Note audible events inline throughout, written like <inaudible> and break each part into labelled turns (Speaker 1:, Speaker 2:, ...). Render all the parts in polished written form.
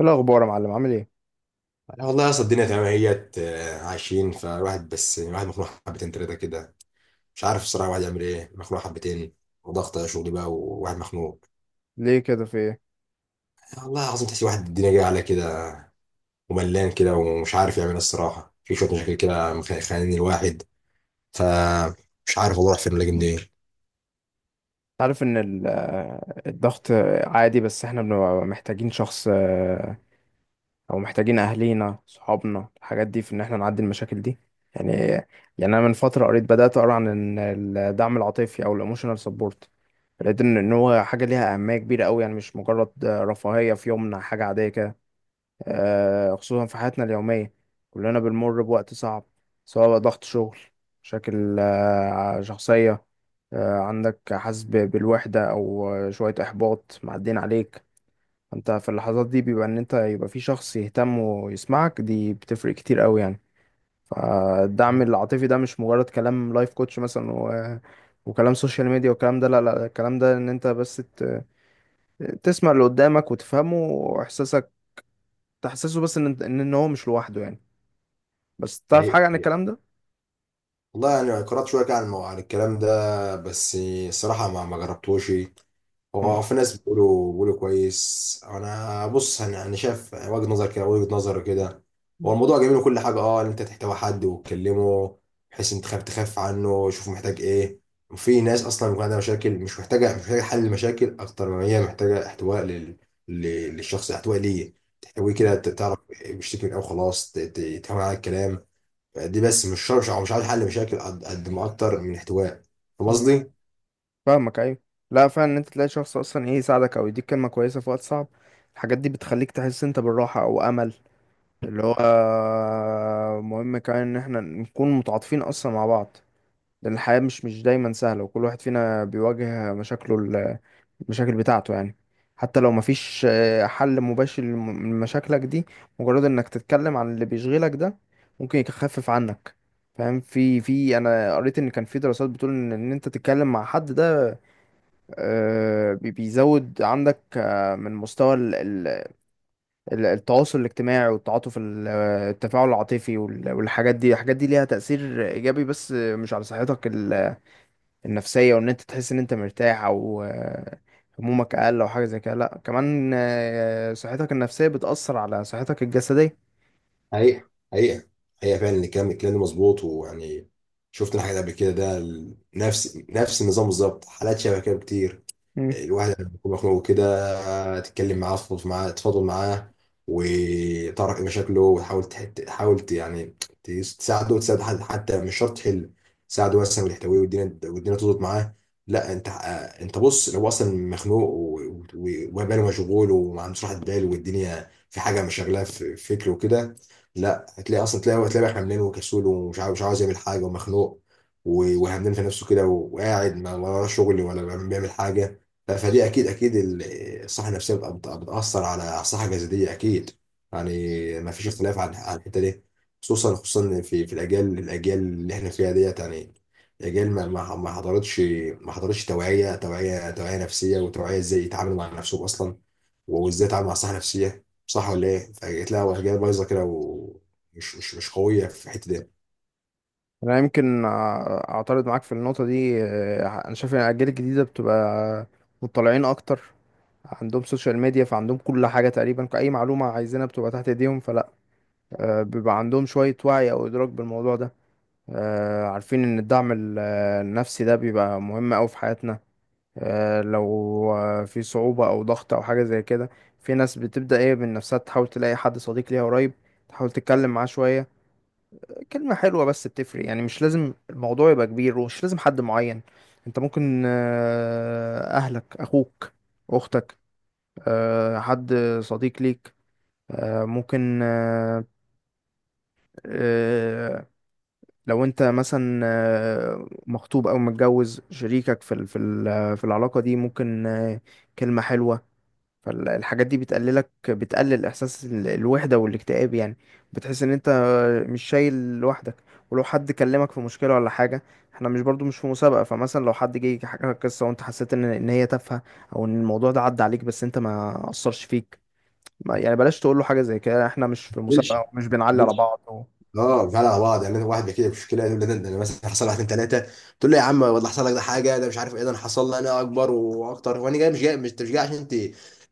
Speaker 1: ايه الاخبار يا معلم؟ عامل ايه؟
Speaker 2: لا والله يا اسطى، الدنيا تمام اهيت، عايشين فالواحد، بس الواحد مخنوق حبتين تلاته كده. مش عارف الصراحه الواحد يعمل ايه، مخنوق حبتين. وضغط شغل بقى وواحد مخنوق.
Speaker 1: ليه كده؟ في ايه؟
Speaker 2: والله العظيم تحس الواحد الدنيا جايه عليه كده، وملان كده ومش عارف يعمل ايه الصراحه، في شويه مشاكل كده خانقين الواحد. فمش عارف والله، اروح فين ولا اجي منين.
Speaker 1: عارف ان الضغط عادي، بس احنا بنبقى محتاجين شخص، او محتاجين اهلينا صحابنا الحاجات دي في ان احنا نعدي المشاكل دي يعني. يعني انا من فتره قريت، بدات اقرا عن إن الدعم العاطفي او الايموشنال سبورت، لقيت ان هو حاجه ليها اهميه كبيره قوي، يعني مش مجرد رفاهيه في يومنا، حاجه عاديه كده. خصوصا في حياتنا اليومية، كلنا بنمر بوقت صعب، سواء بقى ضغط شغل، مشاكل شخصية، عندك حاسس بالوحدة أو شوية إحباط معدين عليك. أنت في اللحظات دي بيبقى إن أنت يبقى في شخص يهتم ويسمعك، دي بتفرق كتير أوي يعني. فالدعم العاطفي ده مش مجرد كلام لايف كوتش مثلا وكلام سوشيال ميديا والكلام ده، لا لا، الكلام ده إن أنت بس تسمع اللي قدامك وتفهمه، وإحساسك تحسسه، بس إن إن هو مش لوحده يعني. بس تعرف
Speaker 2: حقيقة.
Speaker 1: حاجة عن الكلام ده؟
Speaker 2: والله يعني قرأت شوية كده عن عن الكلام ده، بس الصراحة ما جربتوش.
Speaker 1: مم.
Speaker 2: هو في ناس بيقولوا كويس، أنا بص، أنا شايف وجهة نظر كده، وجهة نظر كده. هو الموضوع جميل وكل حاجة، إن أنت تحتوي حد وتكلمه، بحيث أنت تخاف عنه، شوف محتاج إيه. وفي ناس أصلا بيكون عندها مشاكل، مش محتاجة حل مشاكل، أكتر ما هي محتاجة احتواء للشخص، احتواء ليه، تحتويه كده،
Speaker 1: مم.
Speaker 2: تعرف بيشتكي من إيه وخلاص، تهون على الكلام. يعني دي بس مش شرط، مش عاوز حل مشاكل قد ما اكتر من احتواء. فاهم
Speaker 1: مم.
Speaker 2: قصدي؟
Speaker 1: فاهمك، أيوة. لا فعلا إن أنت تلاقي شخص أصلا إيه يساعدك أو يديك كلمة كويسة في وقت صعب، الحاجات دي بتخليك تحس أنت بالراحة أو أمل. اللي هو مهم كمان إن إحنا نكون متعاطفين أصلا مع بعض، لأن الحياة مش دايما سهلة، وكل واحد فينا بيواجه مشاكله، المشاكل بتاعته يعني. حتى لو مفيش حل مباشر لمشاكلك دي، مجرد انك تتكلم عن اللي بيشغلك ده ممكن يخفف عنك. فاهم؟ في انا قريت ان كان في دراسات بتقول ان انت تتكلم مع حد ده، بيزود عندك، من مستوى التواصل الاجتماعي، والتعاطف، التفاعل العاطفي، والحاجات دي. الحاجات دي ليها تأثير ايجابي، بس مش على صحتك النفسية وان انت تحس ان انت مرتاح او همومك اقل او حاجة زي كده، لا، كمان صحتك النفسية بتأثر على صحتك الجسدية.
Speaker 2: حقيقة، حقيقة، حقيقة، فعلا الكلام ده مظبوط. ويعني شفت انا حاجات قبل كده، ده نفس النظام بالظبط، حالات شبه كده كتير.
Speaker 1: مم.
Speaker 2: الواحد لما يكون مخنوق كده، تتكلم معاه، تفضفض معاه، تفضل معاه، وتعرف ايه مشاكله، وتحاول يعني تساعده وتساعد حد، حتى مش شرط تحل، تساعده مثلا وتحتويه، والدنيا تظبط معاه. لا انت، انت بص، لو هو اصلا مخنوق وباله مشغول، وما عندوش راحه بال، والدنيا في حاجه مشغلاه في فكره وكده، لا هتلاقي اصلا، هتلاقي بقى حملان وكسول، ومش عاوز مش عاوز يعمل حاجه، ومخنوق وهمدان في نفسه كده، وقاعد ما ولا شغل ولا بيعمل حاجه. فدي اكيد اكيد الصحه النفسيه بتاثر على الصحه الجسديه اكيد. يعني ما فيش اختلاف عن الحته دي، خصوصا في الاجيال اللي احنا فيها ديت. يعني اجيال ما حضرتش، ما حضرتش توعيه، توعيه نفسيه، وتوعيه ازاي يتعاملوا مع نفسهم اصلا، وازاي يتعاملوا مع الصحه النفسيه. صح ولا ايه؟ فجيت لها اجيال بايظه كده، ومش مش مش قويه في الحته دي.
Speaker 1: انا يمكن اعترض معاك في النقطة دي. انا شايف ان الاجيال الجديدة بتبقى مطلعين اكتر، عندهم سوشيال ميديا، فعندهم كل حاجة تقريبا، اي معلومة عايزينها بتبقى تحت ايديهم، فلا، بيبقى عندهم شوية وعي او ادراك بالموضوع ده. عارفين ان الدعم النفسي ده بيبقى مهم اوي في حياتنا. آه، لو آه، في صعوبة أو ضغط أو حاجة زي كده، في ناس بتبدأ إيه من نفسها، تحاول تلاقي حد صديق ليها قريب، تحاول تتكلم معاه شوية. كلمة حلوة بس بتفرق يعني، مش لازم الموضوع يبقى كبير، ومش لازم حد معين. أنت ممكن أهلك، أخوك، أختك، حد صديق ليك، آه، ممكن آه، آه، لو انت مثلا مخطوب او متجوز، شريكك في العلاقه دي، ممكن كلمه حلوه. فالحاجات دي بتقلل احساس الوحده والاكتئاب يعني، بتحس ان انت مش شايل لوحدك. ولو حد كلمك في مشكله ولا حاجه، احنا مش برضو مش في مسابقه. فمثلا لو حد جه حكى لك قصه، وانت حسيت ان هي تافهه او ان الموضوع ده عدى عليك بس انت ما اثرش فيك، ما يعني بلاش تقول له حاجه زي كده، احنا مش في
Speaker 2: دلش.
Speaker 1: مسابقه، ومش بنعلي على
Speaker 2: دلش.
Speaker 1: بعض
Speaker 2: اه فعلا على بعض. يعني واحد بيحكي لي مشكله، يقول لي ده انا مثلا حصل، واحد اتنين تلاته، تقول له يا عم والله حصل لك ده حاجه، ده مش عارف ايه، ده انا حصل لي انا اكبر واكتر. وانا جاي، مش جاي، مش أنت، مش جاي عشان انت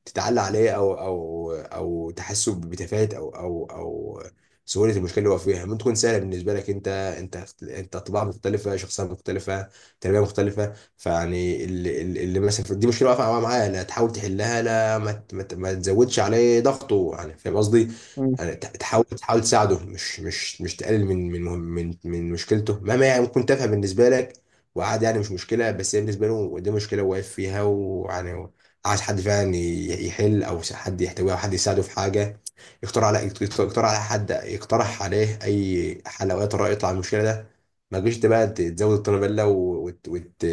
Speaker 2: تتعلى عليه، او تحسه بتفاهه، او سهوله المشكله اللي هو فيها. ممكن تكون سهله بالنسبه لك انت، انت طباع مختلفه، شخصيه مختلفه، تربيه مختلفه. فيعني اللي مثلا دي مشكله واقفه معاه، لا تحاول تحلها، لا ما تزودش عليه ضغطه. يعني فاهم قصدي؟
Speaker 1: مم.
Speaker 2: يعني تحاول تساعده، مش تقلل من مشكلته، مهما، يعني ممكن تافهه بالنسبه لك وعادي، يعني مش مشكله، بس هي بالنسبه له دي مشكله واقف فيها. ويعني عايز حد فعلا يحل، او حد يحتويه، او حد يساعده في حاجه، يقترح على يقترح على حد يقترح عليه اي حل، او اي طريقه يطلع من المشكله ده. ما تجيش انت بقى تزود الطنابله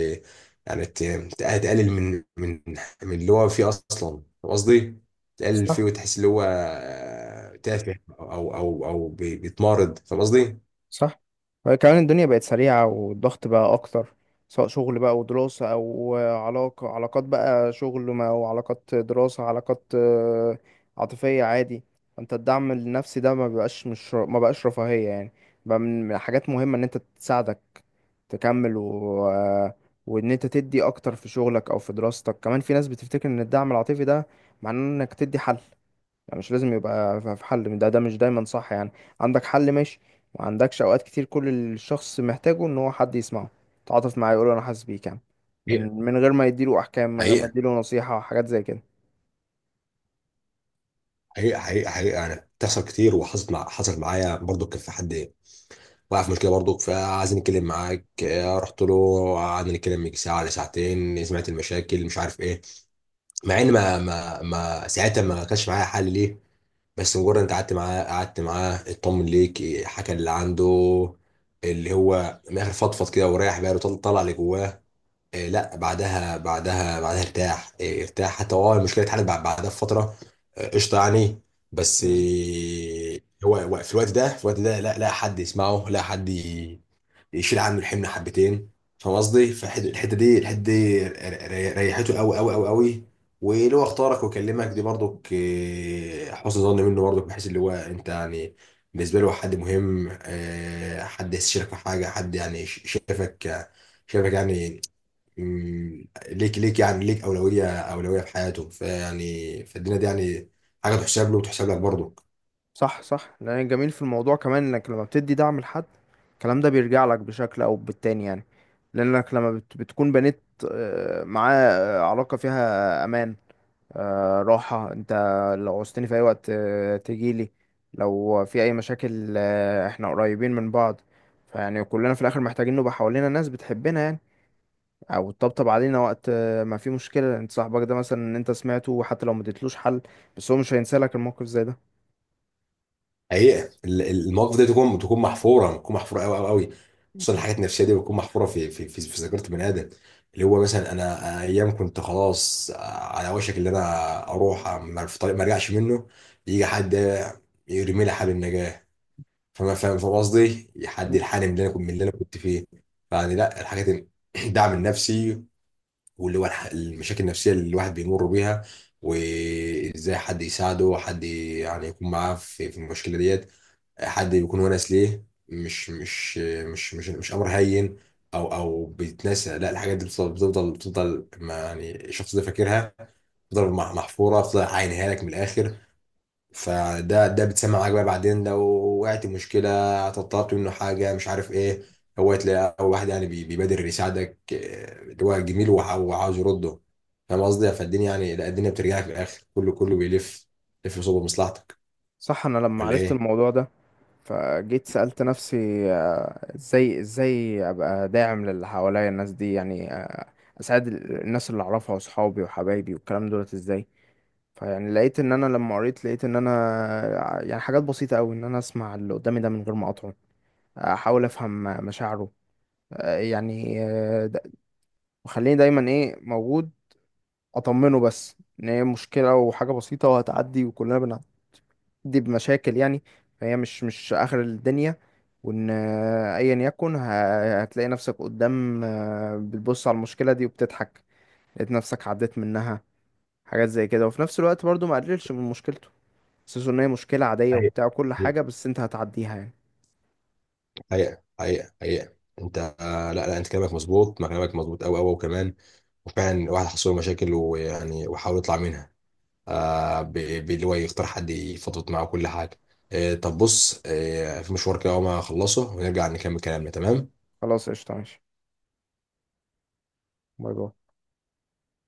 Speaker 2: يعني تقلل من من اللي هو فيه اصلا. فاهم قصدي؟ تقلل فيه
Speaker 1: صح،
Speaker 2: وتحس اللي هو تافه، او بيتمارض. فاهم قصدي؟
Speaker 1: صح. كمان الدنيا بقت سريعة، والضغط بقى أكتر، سواء شغل بقى ودراسة أو علاقة، علاقات بقى شغل ما وعلاقات دراسة، علاقات عاطفية عادي. أنت الدعم النفسي ده ما بقاش، مش ما بقاش رفاهية يعني، بقى من من حاجات مهمة إن أنت تساعدك تكمل، و... آه، وإن أنت تدي أكتر في شغلك أو في دراستك. كمان في ناس بتفتكر إن الدعم العاطفي ده معناه إنك تدي حل، يعني مش لازم يبقى في حل، ده ده مش دايما صح يعني. عندك حل ماشي، ما عندكش اوقات كتير كل الشخص محتاجه ان هو حد يسمعه، تعاطف معاه، يقول له انا حاسس بيك يعني،
Speaker 2: حقيقة.
Speaker 1: من من غير ما يديله احكام، من غير ما
Speaker 2: حقيقة.
Speaker 1: يديله نصيحة وحاجات زي كده.
Speaker 2: حقيقة، حقيقة، حقيقة، أنا بتحصل كتير، وحصلت مع حصلت معايا برضو. كان في حد وقع في مشكلة برضو، فعايز نتكلم معاك، رحت له، قعدنا نتكلم يجي ساعة ولا ساعتين، سمعت المشاكل، مش عارف إيه. مع إن ما ساعتها ما كانش معايا حل ليه، بس مجرد أنت قعدت معاه اطمن ليك إيه، حكى اللي عنده. اللي هو من الآخر فضفض كده، وريح باله، طلع اللي جواه. لا بعدها ارتاح، حتى هو المشكله اتحلت بعدها بفتره. قشطه يعني. بس
Speaker 1: مم.
Speaker 2: هو في الوقت ده، لا لا حد يسمعه، لا حد يشيل عنه الحمل حبتين. فاهم قصدي؟ فالحته دي، الحته دي ريحته قوي قوي قوي قوي. ولو اختارك وكلمك دي برضك، حسن ظن منه برضك، بحيث اللي هو انت يعني بالنسبه له حد مهم، حد يستشيرك في حاجه، حد يعني، ش- شافك شايفك يعني. ليك يعني اولويه في حياته. فيعني فالدنيا دي يعني حاجه تحسب له وتحسب لك برضه.
Speaker 1: صح، صح. لان الجميل في الموضوع كمان انك لما بتدي دعم لحد، الكلام ده بيرجع لك بشكل او بالتاني يعني. لانك لما بتكون بنيت معاه علاقة فيها امان، راحة، انت لو عوزتني في اي وقت تجيلي، لو في اي مشاكل احنا قريبين من بعض. فيعني كلنا في الاخر محتاجين نبقى حوالينا ناس بتحبنا يعني، او تطبطب علينا وقت ما في مشكلة. انت صاحبك ده مثلا ان انت سمعته، حتى لو ما اديتلوش حل، بس هو مش هينسى لك الموقف زي ده.
Speaker 2: حقيقه المواقف دي تكون محفوره، تكون محفوره قوي قوي قوي. خصوصا الحاجات النفسيه دي بتكون محفوره في ذاكره بني ادم. اللي هو مثلا انا ايام كنت خلاص على وشك اللي انا اروح، في طريق ما ارجعش منه، يجي حد يرمي لي حبل النجاه. فما فاهم فاهم قصدي، حد
Speaker 1: مم.
Speaker 2: يلحقني من اللي انا كنت، فيه. يعني لا الحاجات <clears throat> الدعم النفسي، واللي هو المشاكل النفسية اللي الواحد بيمر بيها، وازاي حد يساعده، حد يعني يكون معاه في المشكلة ديت، حد يكون ونس ليه، مش امر هين او او بيتنسى. لا الحاجات دي بتفضل ما، يعني الشخص ده فاكرها، بتفضل محفورة، بتفضل عاينها لك من الاخر. فده بتسمع معاك بقى بعدين، لو وقعت مشكلة، طلبت منه حاجة مش عارف ايه، هو تلاقي أول واحد يعني بيبادر يساعدك، اللي هو جميل وعاوز يرده. فاهم قصدي؟ فالدنيا يعني، لا الدنيا بترجع لك في الآخر، كله بيلف لف صوب مصلحتك.
Speaker 1: صح. انا لما
Speaker 2: ولا
Speaker 1: عرفت
Speaker 2: ايه؟
Speaker 1: الموضوع ده، فجيت سألت نفسي ازاي ابقى داعم للي حواليا، الناس دي يعني، اساعد الناس اللي اعرفها، واصحابي وحبايبي والكلام دولت، ازاي؟ فيعني لقيت ان انا لما قريت، لقيت ان انا يعني حاجات بسيطة قوي، ان انا اسمع اللي قدامي ده من غير ما اقاطعه، احاول افهم مشاعره، آه، يعني آه، د- وخليني دايما ايه موجود، اطمنه بس ان هي مشكلة وحاجة بسيطة وهتعدي، وكلنا بنعدي بمشاكل يعني، فهي مش اخر الدنيا، وان ايا يكن هتلاقي نفسك قدام، بتبص على المشكلة دي وبتضحك، لقيت نفسك عديت منها. حاجات زي كده، وفي نفس الوقت برضو ما قللش من مشكلته، حاسس ان هي مشكلة عادية
Speaker 2: حقيقة.
Speaker 1: وبتاع وكل
Speaker 2: حقيقة.
Speaker 1: حاجة، بس انت هتعديها يعني.
Speaker 2: حقيقة، حقيقة، حقيقة، انت، لا لا انت كلامك مظبوط، ما كلامك مظبوط قوي قوي وكمان. وفعلا الواحد حصل له مشاكل، ويعني وحاول يطلع منها آه ب- باللي هو يختار حد يفضفض معاه كل حاجه. طب بص، في مشوار كده، اول ما اخلصه ونرجع نكمل كلامنا، تمام.
Speaker 1: خلاص، قشطة، ماشي. باي باي.